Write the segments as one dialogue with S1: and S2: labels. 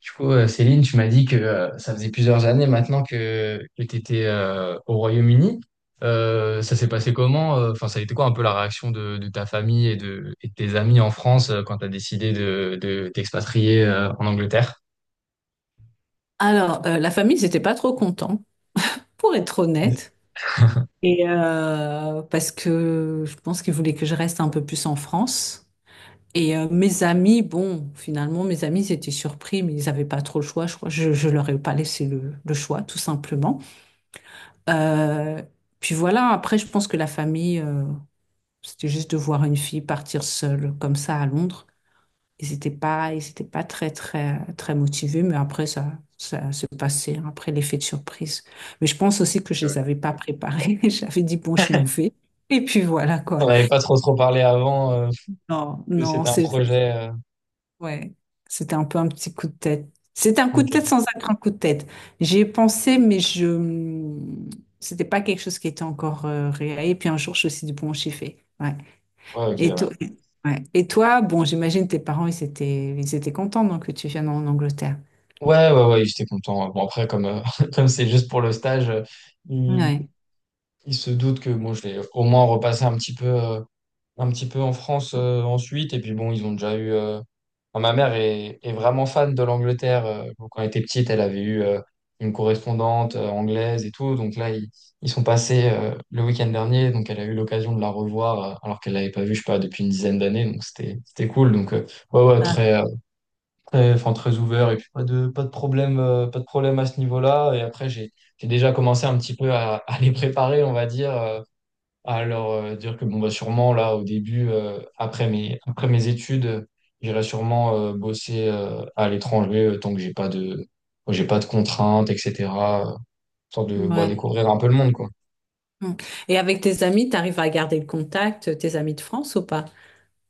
S1: Du coup, Céline, tu m'as dit que ça faisait plusieurs années maintenant que tu étais au Royaume-Uni. Ça s'est passé comment? Enfin, ça a été quoi un peu la réaction de ta famille et de tes amis en France quand tu as décidé de t'expatrier en Angleterre?
S2: Alors, la famille, ils n'étaient pas trop contents, pour être honnête. Parce que je pense qu'ils voulaient que je reste un peu plus en France. Et mes amis, bon, finalement, mes amis, ils étaient surpris, mais ils n'avaient pas trop le choix, je crois. Je leur ai pas laissé le choix, tout simplement. Euh, Puis voilà, après, je pense que la famille, c'était juste de voir une fille partir seule comme ça à Londres. Ils étaient pas très motivés, mais après, ça se passait, hein, après l'effet de surprise. Mais je pense aussi que je les avais pas préparés. J'avais dit, bon, je m'en vais. Et puis voilà, quoi.
S1: On n'avait pas trop trop parlé avant
S2: Non,
S1: que
S2: non,
S1: c'était un projet.
S2: ouais, c'était un peu un petit coup de tête. C'était un coup de
S1: Ok.
S2: tête sans être un grand coup de tête. J'y ai pensé, mais je, c'était pas quelque chose qui était encore réel. Et puis un jour, je me suis dit, bon, j'y vais. Ouais.
S1: Ouais, ok,
S2: Et
S1: ouais.
S2: toi, ouais. Et toi, bon, j'imagine tes parents, ils étaient contents, donc, que tu viennes en Angleterre.
S1: Ouais, ouais, ouais, j'étais content. Bon, après, comme comme c'est juste pour le stage, ils,
S2: Ouais.
S1: ils se doutent que bon, je vais au moins repasser un petit peu. Un petit peu en France ensuite. Et puis bon, ils ont déjà eu. Enfin, ma mère est vraiment fan de l'Angleterre. Donc, quand elle était petite, elle avait eu une correspondante anglaise et tout. Donc là, ils sont passés le week-end dernier. Donc elle a eu l'occasion de la revoir alors qu'elle l'avait pas vue, je sais pas, depuis une dizaine d'années. Donc c'était cool. Donc ouais, ouais,
S2: Ah.
S1: très, très, enfin, très ouvert. Et puis pas de problème, pas de problème à ce niveau-là. Et après, j'ai déjà commencé un petit peu à les préparer, on va dire. Alors, dire que bon, bah, sûrement, là, au début, après mes études, j'irai sûrement bosser à l'étranger tant que j'ai pas de contraintes, etc. euh, Tant de bah,
S2: Ouais.
S1: découvrir un peu le monde, quoi.
S2: Mm. Et avec tes amis, tu arrives à garder le contact, tes amis de France ou pas?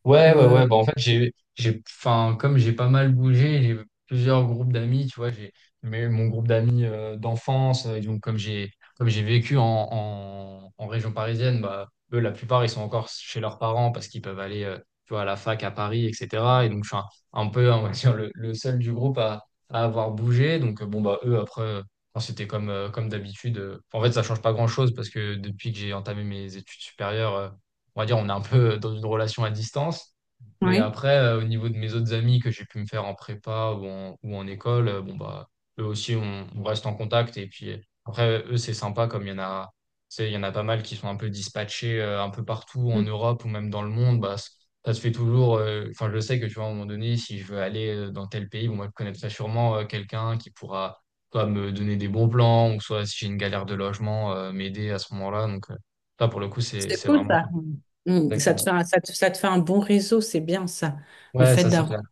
S1: Ouais,
S2: Ou,
S1: ouais,
S2: euh,
S1: ouais. Bah, en fait, enfin, comme j'ai pas mal bougé, j'ai plusieurs groupes d'amis, tu vois. J'ai Mais mon groupe d'amis d'enfance. Et donc, comme j'ai vécu en région parisienne, bah, eux, la plupart, ils sont encore chez leurs parents parce qu'ils peuvent aller, tu vois, à la fac à Paris, etc. Et donc, je suis un peu, on va dire, le seul du groupe à avoir bougé. Donc, bon, bah, eux, après, enfin, c'était comme d'habitude. En fait, ça change pas grand-chose parce que depuis que j'ai entamé mes études supérieures, on va dire, on est un peu dans une relation à distance. Mais
S2: Oui.
S1: après, au niveau de mes autres amis que j'ai pu me faire en prépa ou en école, bon, bah, eux aussi, on reste en contact. Et puis après, eux, c'est sympa comme il y en a, tu sais, il y en a pas mal qui sont un peu dispatchés un peu partout en
S2: Mm.
S1: Europe ou même dans le monde. Bah, ça se fait toujours. Enfin, je sais que tu vois, à un moment donné, si je veux aller dans tel pays, bon, moi, je connaîtrai sûrement quelqu'un qui pourra soit me donner des bons plans ou soit si j'ai une galère de logement, m'aider à ce moment-là. Donc, ça, pour le coup, c'est
S2: C'est
S1: c'est
S2: cool
S1: vraiment
S2: ça.
S1: cool.
S2: Mm. Mm.
S1: Exactement.
S2: Ça te fait un bon réseau, c'est bien ça. Le
S1: Ouais,
S2: fait
S1: ça c'est clair.
S2: d'avoir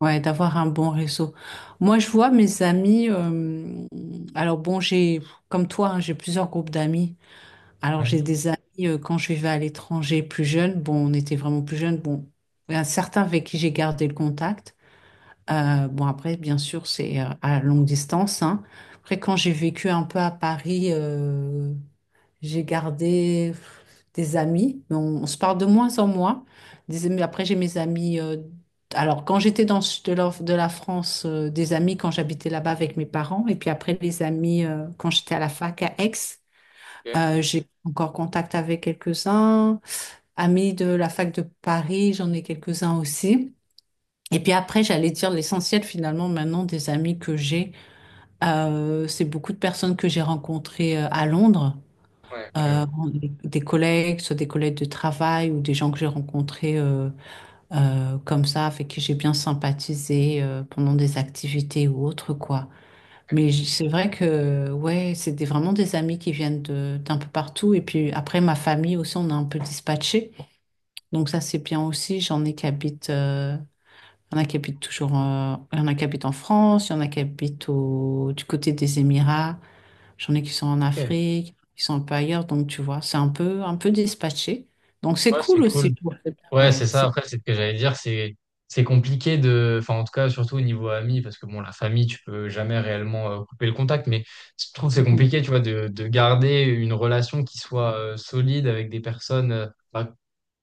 S2: ouais, d'avoir un bon réseau. Moi, je vois mes amis. Alors bon, j'ai comme toi, hein, j'ai plusieurs groupes d'amis. Alors
S1: Ouais.
S2: j'ai des amis quand je vivais à l'étranger plus jeune. Bon, on était vraiment plus jeunes. Bon, il y en a certains avec qui j'ai gardé le contact. Bon, après, bien sûr, c'est à longue distance, hein. Après, quand j'ai vécu un peu à Paris, j'ai gardé des amis, mais on se parle de moins en moins. J'ai mes amis. Quand j'étais dans le sud de de la France, des amis quand j'habitais là-bas avec mes parents, et puis après, les amis quand j'étais à la fac à Aix.
S1: Ok.
S2: J'ai encore contact avec quelques-uns. Amis de la fac de Paris, j'en ai quelques-uns aussi. Et puis après, j'allais dire l'essentiel finalement maintenant des amis que j'ai, c'est beaucoup de personnes que j'ai rencontrées à Londres,
S1: Ouais, que...
S2: euh, des collègues, soit des collègues de travail ou des gens que j'ai rencontrés comme ça, avec qui j'ai bien sympathisé pendant des activités ou autres quoi. Mais c'est vrai que ouais, vraiment des amis qui viennent d'un peu partout. Et puis après, ma famille aussi, on a un peu dispatché, donc ça c'est bien aussi. J'en ai qui habitent. Il y en a qui habitent toujours, il y en a qui habitent en France, il y en a qui habitent du côté des Émirats, j'en ai qui sont en
S1: Ok.
S2: Afrique, qui sont un peu ailleurs, donc tu vois, c'est un peu dispatché. Donc c'est
S1: Ouais, c'est
S2: cool aussi.
S1: cool.
S2: Je trouve.
S1: Ouais, c'est
S2: Ouais,
S1: ça.
S2: c'est
S1: Après, c'est ce que j'allais dire, c'est compliqué de, enfin en tout cas surtout au niveau ami, parce que bon, la famille, tu peux jamais réellement couper le contact, mais je trouve que c'est
S2: cool.
S1: compliqué, tu vois, de garder une relation qui soit solide avec des personnes bah,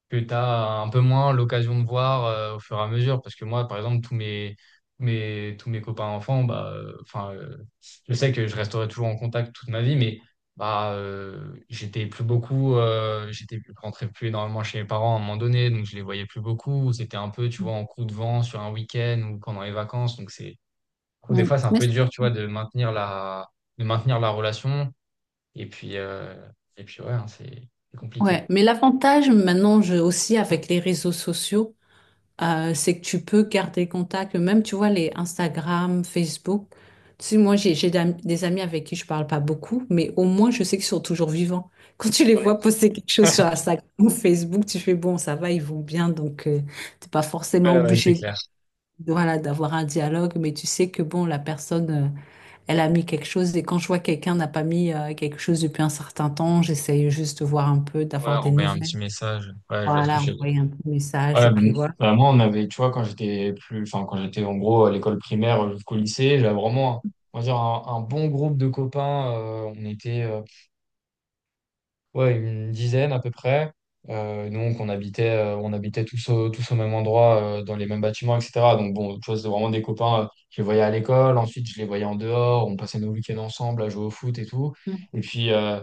S1: que tu as un peu moins l'occasion de voir au fur et à mesure. Parce que moi, par exemple, tous mes copains enfants, bah, enfin, je sais que je resterai toujours en contact toute ma vie, mais bah, j'étais plus beaucoup, j'étais je rentrais plus énormément chez mes parents à un moment donné, donc je les voyais plus beaucoup. C'était un peu, tu
S2: Mm.
S1: vois, en coup de vent sur un week-end ou pendant les vacances. Donc c'est, je trouve des
S2: Mm.
S1: fois, c'est un peu dur, tu vois, de maintenir la relation. Et puis, euh, et puis, ouais, hein, c'est
S2: Ouais.
S1: compliqué.
S2: Mais l'avantage maintenant aussi avec les réseaux sociaux, c'est que tu peux garder contact. Même, tu vois, les Instagram, Facebook. Tu sais, moi, j'ai des amis avec qui je parle pas beaucoup, mais au moins, je sais qu'ils sont toujours vivants. Quand tu les
S1: Ouais,
S2: vois poster quelque chose
S1: ouais,
S2: sur Instagram ou Facebook, tu fais, bon, ça va, ils vont bien, donc t'es pas forcément
S1: ouais, c'est clair.
S2: voilà, d'avoir un dialogue, mais tu sais que, bon, la personne, elle a mis quelque chose, et quand je vois que quelqu'un n'a pas mis quelque chose depuis un certain temps, j'essaye juste de voir un peu,
S1: Ouais,
S2: d'avoir des
S1: envoyer un petit
S2: nouvelles.
S1: message. Ouais, je vois ce que
S2: Voilà,
S1: je veux dire.
S2: envoyer un petit message,
S1: Ouais,
S2: et puis
S1: ben,
S2: voilà.
S1: bah, moi, on avait, tu vois, quand j'étais plus, enfin, quand j'étais en gros à l'école primaire jusqu'au lycée, j'avais vraiment, on va dire, un bon groupe de copains. On était, ouais, une dizaine à peu près. Donc, on habitait tous au même endroit, dans les mêmes bâtiments, etc. Donc, bon, tu vois, c'était vraiment des copains. Je les voyais à l'école, ensuite, je les voyais en dehors. On passait nos week-ends ensemble à jouer au foot et tout.
S2: Mm.
S1: Et puis,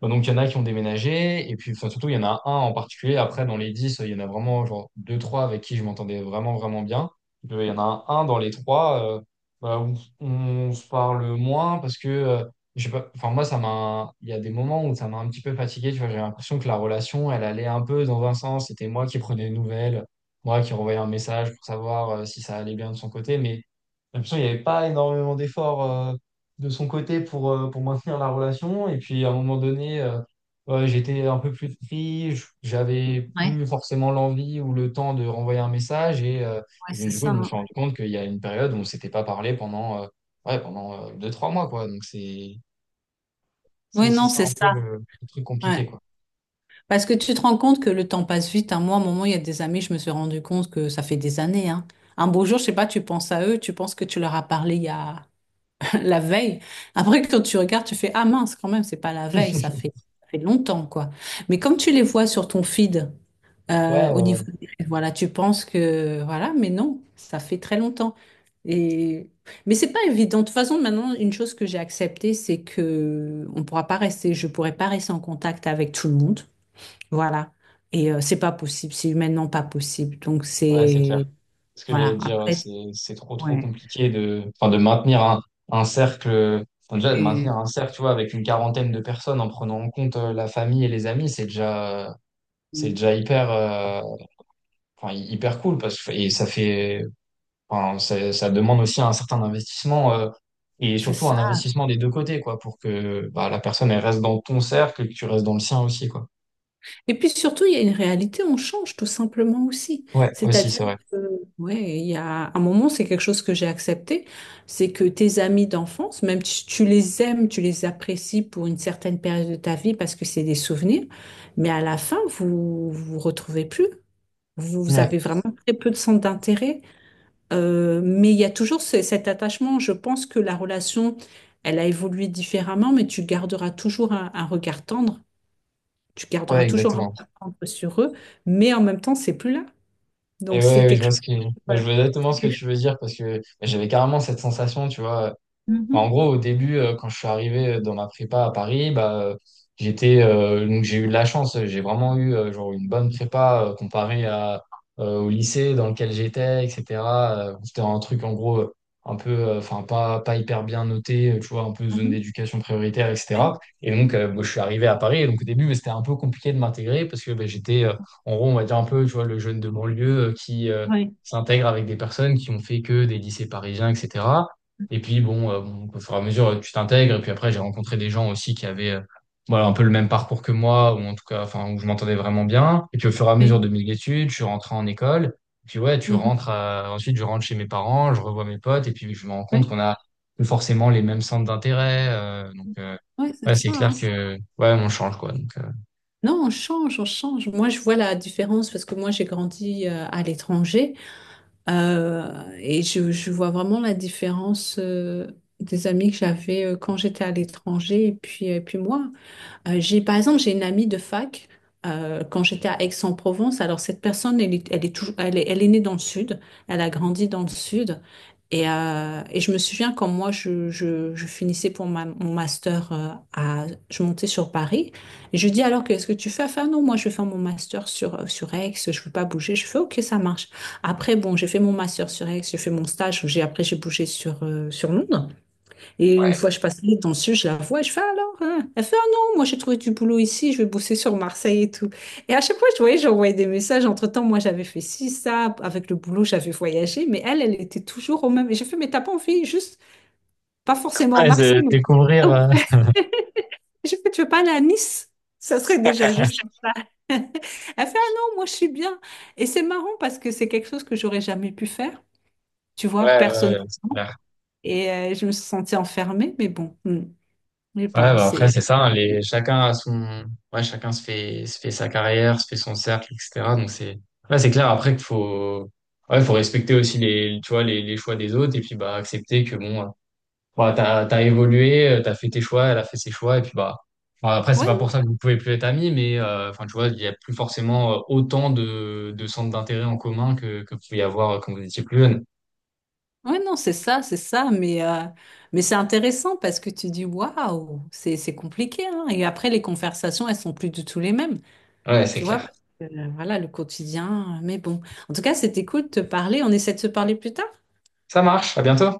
S1: bah, donc, il y en a qui ont déménagé, et puis enfin, surtout, il y en a un en particulier. Après, dans les 10 il y en a vraiment genre deux, trois avec qui je m'entendais vraiment, vraiment bien. Il y en a un dans les trois bah, où on se parle moins parce que, je sais pas, enfin, moi, il y a des moments où ça m'a un petit peu fatigué. Tu vois, j'ai l'impression que la relation, elle allait un peu dans un sens. C'était moi qui prenais des nouvelles, moi qui renvoyais un message pour savoir si ça allait bien de son côté, mais j'ai l'impression qu'il n'y avait pas énormément d'efforts de son côté pour maintenir la relation. Et puis à un moment donné, j'étais un peu plus pris, j'avais
S2: Ouais.
S1: plus forcément l'envie ou le temps de renvoyer un message. Et, euh,
S2: Ouais,
S1: et donc,
S2: c'est
S1: du coup,
S2: ça,
S1: je me
S2: hein.
S1: suis rendu compte qu'il y a une période où on ne s'était pas parlé pendant deux, trois mois, quoi. Donc c'est
S2: Oui,
S1: aussi
S2: non,
S1: ça
S2: c'est
S1: un peu
S2: ça.
S1: le truc compliqué,
S2: Ouais.
S1: quoi.
S2: Parce que tu te rends compte que le temps passe vite, hein. Moi, à un moment, il y a des amis, je me suis rendu compte que ça fait des années, hein. Un beau jour, je sais pas, tu penses à eux, tu penses que tu leur as parlé il y a la veille. Après, quand tu regardes, tu fais, ah mince, quand même, c'est pas la veille, ça fait longtemps, quoi. Mais comme tu les vois sur ton feed,
S1: Ouais, ouais,
S2: Rêves, voilà, tu penses que voilà, mais non, ça fait très longtemps. Et mais c'est pas évident. De toute façon, maintenant, une chose que j'ai acceptée, c'est que on pourra pas rester, je pourrais pas rester en contact avec tout le monde. Voilà. Et c'est pas possible, c'est humainement pas possible. Donc
S1: ouais, c'est clair.
S2: c'est
S1: Ce que j'allais
S2: voilà,
S1: dire,
S2: après
S1: c'est trop trop
S2: ouais.
S1: compliqué de, enfin, de maintenir un cercle, enfin, déjà de maintenir
S2: Et-
S1: un cercle, tu vois, avec une quarantaine de personnes en prenant en compte la famille et les amis, c'est déjà hyper, enfin, hyper cool parce que et ça fait, enfin, ça demande aussi un certain investissement et
S2: C'est
S1: surtout
S2: ça.
S1: un investissement des deux côtés, quoi, pour que bah, la personne elle reste dans ton cercle et que tu restes dans le sien aussi, quoi.
S2: Et puis surtout, il y a une réalité, on change tout simplement aussi.
S1: Ouais, aussi,
S2: C'est-à-dire
S1: c'est vrai.
S2: que, ouais, il y a un moment, c'est quelque chose que j'ai accepté, c'est que tes amis d'enfance, même si tu les aimes, tu les apprécies pour une certaine période de ta vie parce que c'est des souvenirs, mais à la fin, vous vous retrouvez plus. Vous
S1: Ouais,
S2: avez vraiment très peu de centre d'intérêt. Mais il y a toujours cet attachement. Je pense que la relation, elle a évolué différemment, mais tu garderas toujours un regard tendre, tu garderas
S1: ouais,
S2: toujours un peu
S1: exactement.
S2: à prendre sur eux, mais en même temps, c'est plus là.
S1: Et
S2: Donc, c'est
S1: ouais, ouais, je
S2: quelque
S1: vois
S2: chose.
S1: ce que, bah, je
S2: Voilà.
S1: vois exactement
S2: C'est
S1: ce que
S2: quelque chose.
S1: tu veux dire parce que bah, j'avais carrément cette sensation, tu vois. Enfin, en
S2: Mhm,
S1: gros, au début, quand je suis arrivé dans ma prépa à Paris, bah, donc j'ai eu de la chance. J'ai vraiment eu genre une bonne prépa comparée au lycée dans lequel j'étais, etc. C'était un truc en gros un peu, enfin pas hyper bien noté, tu vois, un peu zone
S2: mhm,
S1: d'éducation prioritaire,
S2: ouais,
S1: etc. Et donc, moi, je suis arrivé à Paris. Et donc au début, bah, c'était un peu compliqué de m'intégrer parce que bah, en gros, on va dire un peu, tu vois, le jeune de banlieue qui
S2: ouais,
S1: s'intègre avec des personnes qui ont fait que des lycées parisiens, etc. Et puis bon, au fur et à mesure, tu t'intègres. Et puis après, j'ai rencontré des gens aussi qui avaient voilà, un peu le même parcours que moi, ou en tout cas, enfin, où je m'entendais vraiment bien. Et puis au fur et à mesure
S2: ouais,
S1: de mes études, je suis rentré en école. Et puis ouais,
S2: mhm,
S1: ensuite je rentre chez mes parents, je revois mes potes, et puis je me rends compte
S2: ouais.
S1: qu'on a plus forcément les mêmes centres d'intérêt. Donc
S2: Oui,
S1: ouais,
S2: c'est
S1: c'est
S2: ça,
S1: clair
S2: hein.
S1: que ouais, on change quoi. Donc
S2: Non, on change, on change. Moi, je vois la différence parce que moi, j'ai grandi à l'étranger je vois vraiment la différence des amis que j'avais quand j'étais à l'étranger et puis moi. J'ai une amie de fac quand j'étais à Aix-en-Provence. Alors, cette personne, elle est née dans le sud, elle a grandi dans le sud. Et, je me souviens quand moi, je finissais pour mon master, à, je montais sur Paris. Et je lui dis, alors, qu'est-ce que tu fais? Elle fait, ah non, moi, je vais faire mon master sur Aix, je veux pas bouger. Je fais, ok, ça marche. Après, bon, j'ai fait mon master sur Aix, j'ai fait mon stage, j'ai bougé sur Londres. Et une
S1: ouais,
S2: fois, je passe les temps dessus, je la vois, et je fais alors, hein? Elle fait, ah non, moi j'ai trouvé du boulot ici, je vais bosser sur Marseille et tout. Et à chaque fois, j'envoyais des messages. Entre-temps, moi j'avais fait ci, ça, avec le boulot, j'avais voyagé, mais elle, elle était toujours au même. Et j'ai fait, mais t'as pas envie, juste, pas forcément à
S1: ouais,
S2: Marseille.
S1: de
S2: mais-
S1: découvrir.
S2: Oh. J'ai fait, tu veux pas aller à Nice? Ça serait déjà juste. Elle fait, ah non, moi je suis bien. Et c'est marrant parce que c'est quelque chose que j'aurais jamais pu faire, tu vois,
S1: Ouais, ouais,
S2: personnellement.
S1: c'est clair.
S2: Et je me suis sentie enfermée, mais bon, hmm, je sais
S1: Ouais,
S2: pas,
S1: bah après,
S2: c'est.
S1: c'est ça, hein, chacun chacun se fait sa carrière, se fait son cercle, etc. Donc c'est, là, c'est clair après qu'il faut respecter aussi tu vois, les choix des autres et puis, bah, accepter que bon, bah, t'as évolué, t'as fait tes choix, elle a fait ses choix et puis, bah, après, c'est
S2: Ouais,
S1: pas
S2: non,
S1: pour ça que vous pouvez plus être amis, mais, enfin, tu vois, il y a plus forcément autant de centres d'intérêt en commun que vous pouvez y avoir quand vous étiez plus jeune.
S2: ouais, non, c'est ça, mais c'est intéressant parce que tu dis waouh, c'est compliqué, hein. Et après, les conversations, elles sont plus du tout les mêmes,
S1: Ouais, c'est
S2: tu vois,
S1: clair.
S2: voilà, le quotidien, mais bon. En tout cas, c'était cool de te parler, on essaie de se parler plus tard?
S1: Ça marche, à bientôt.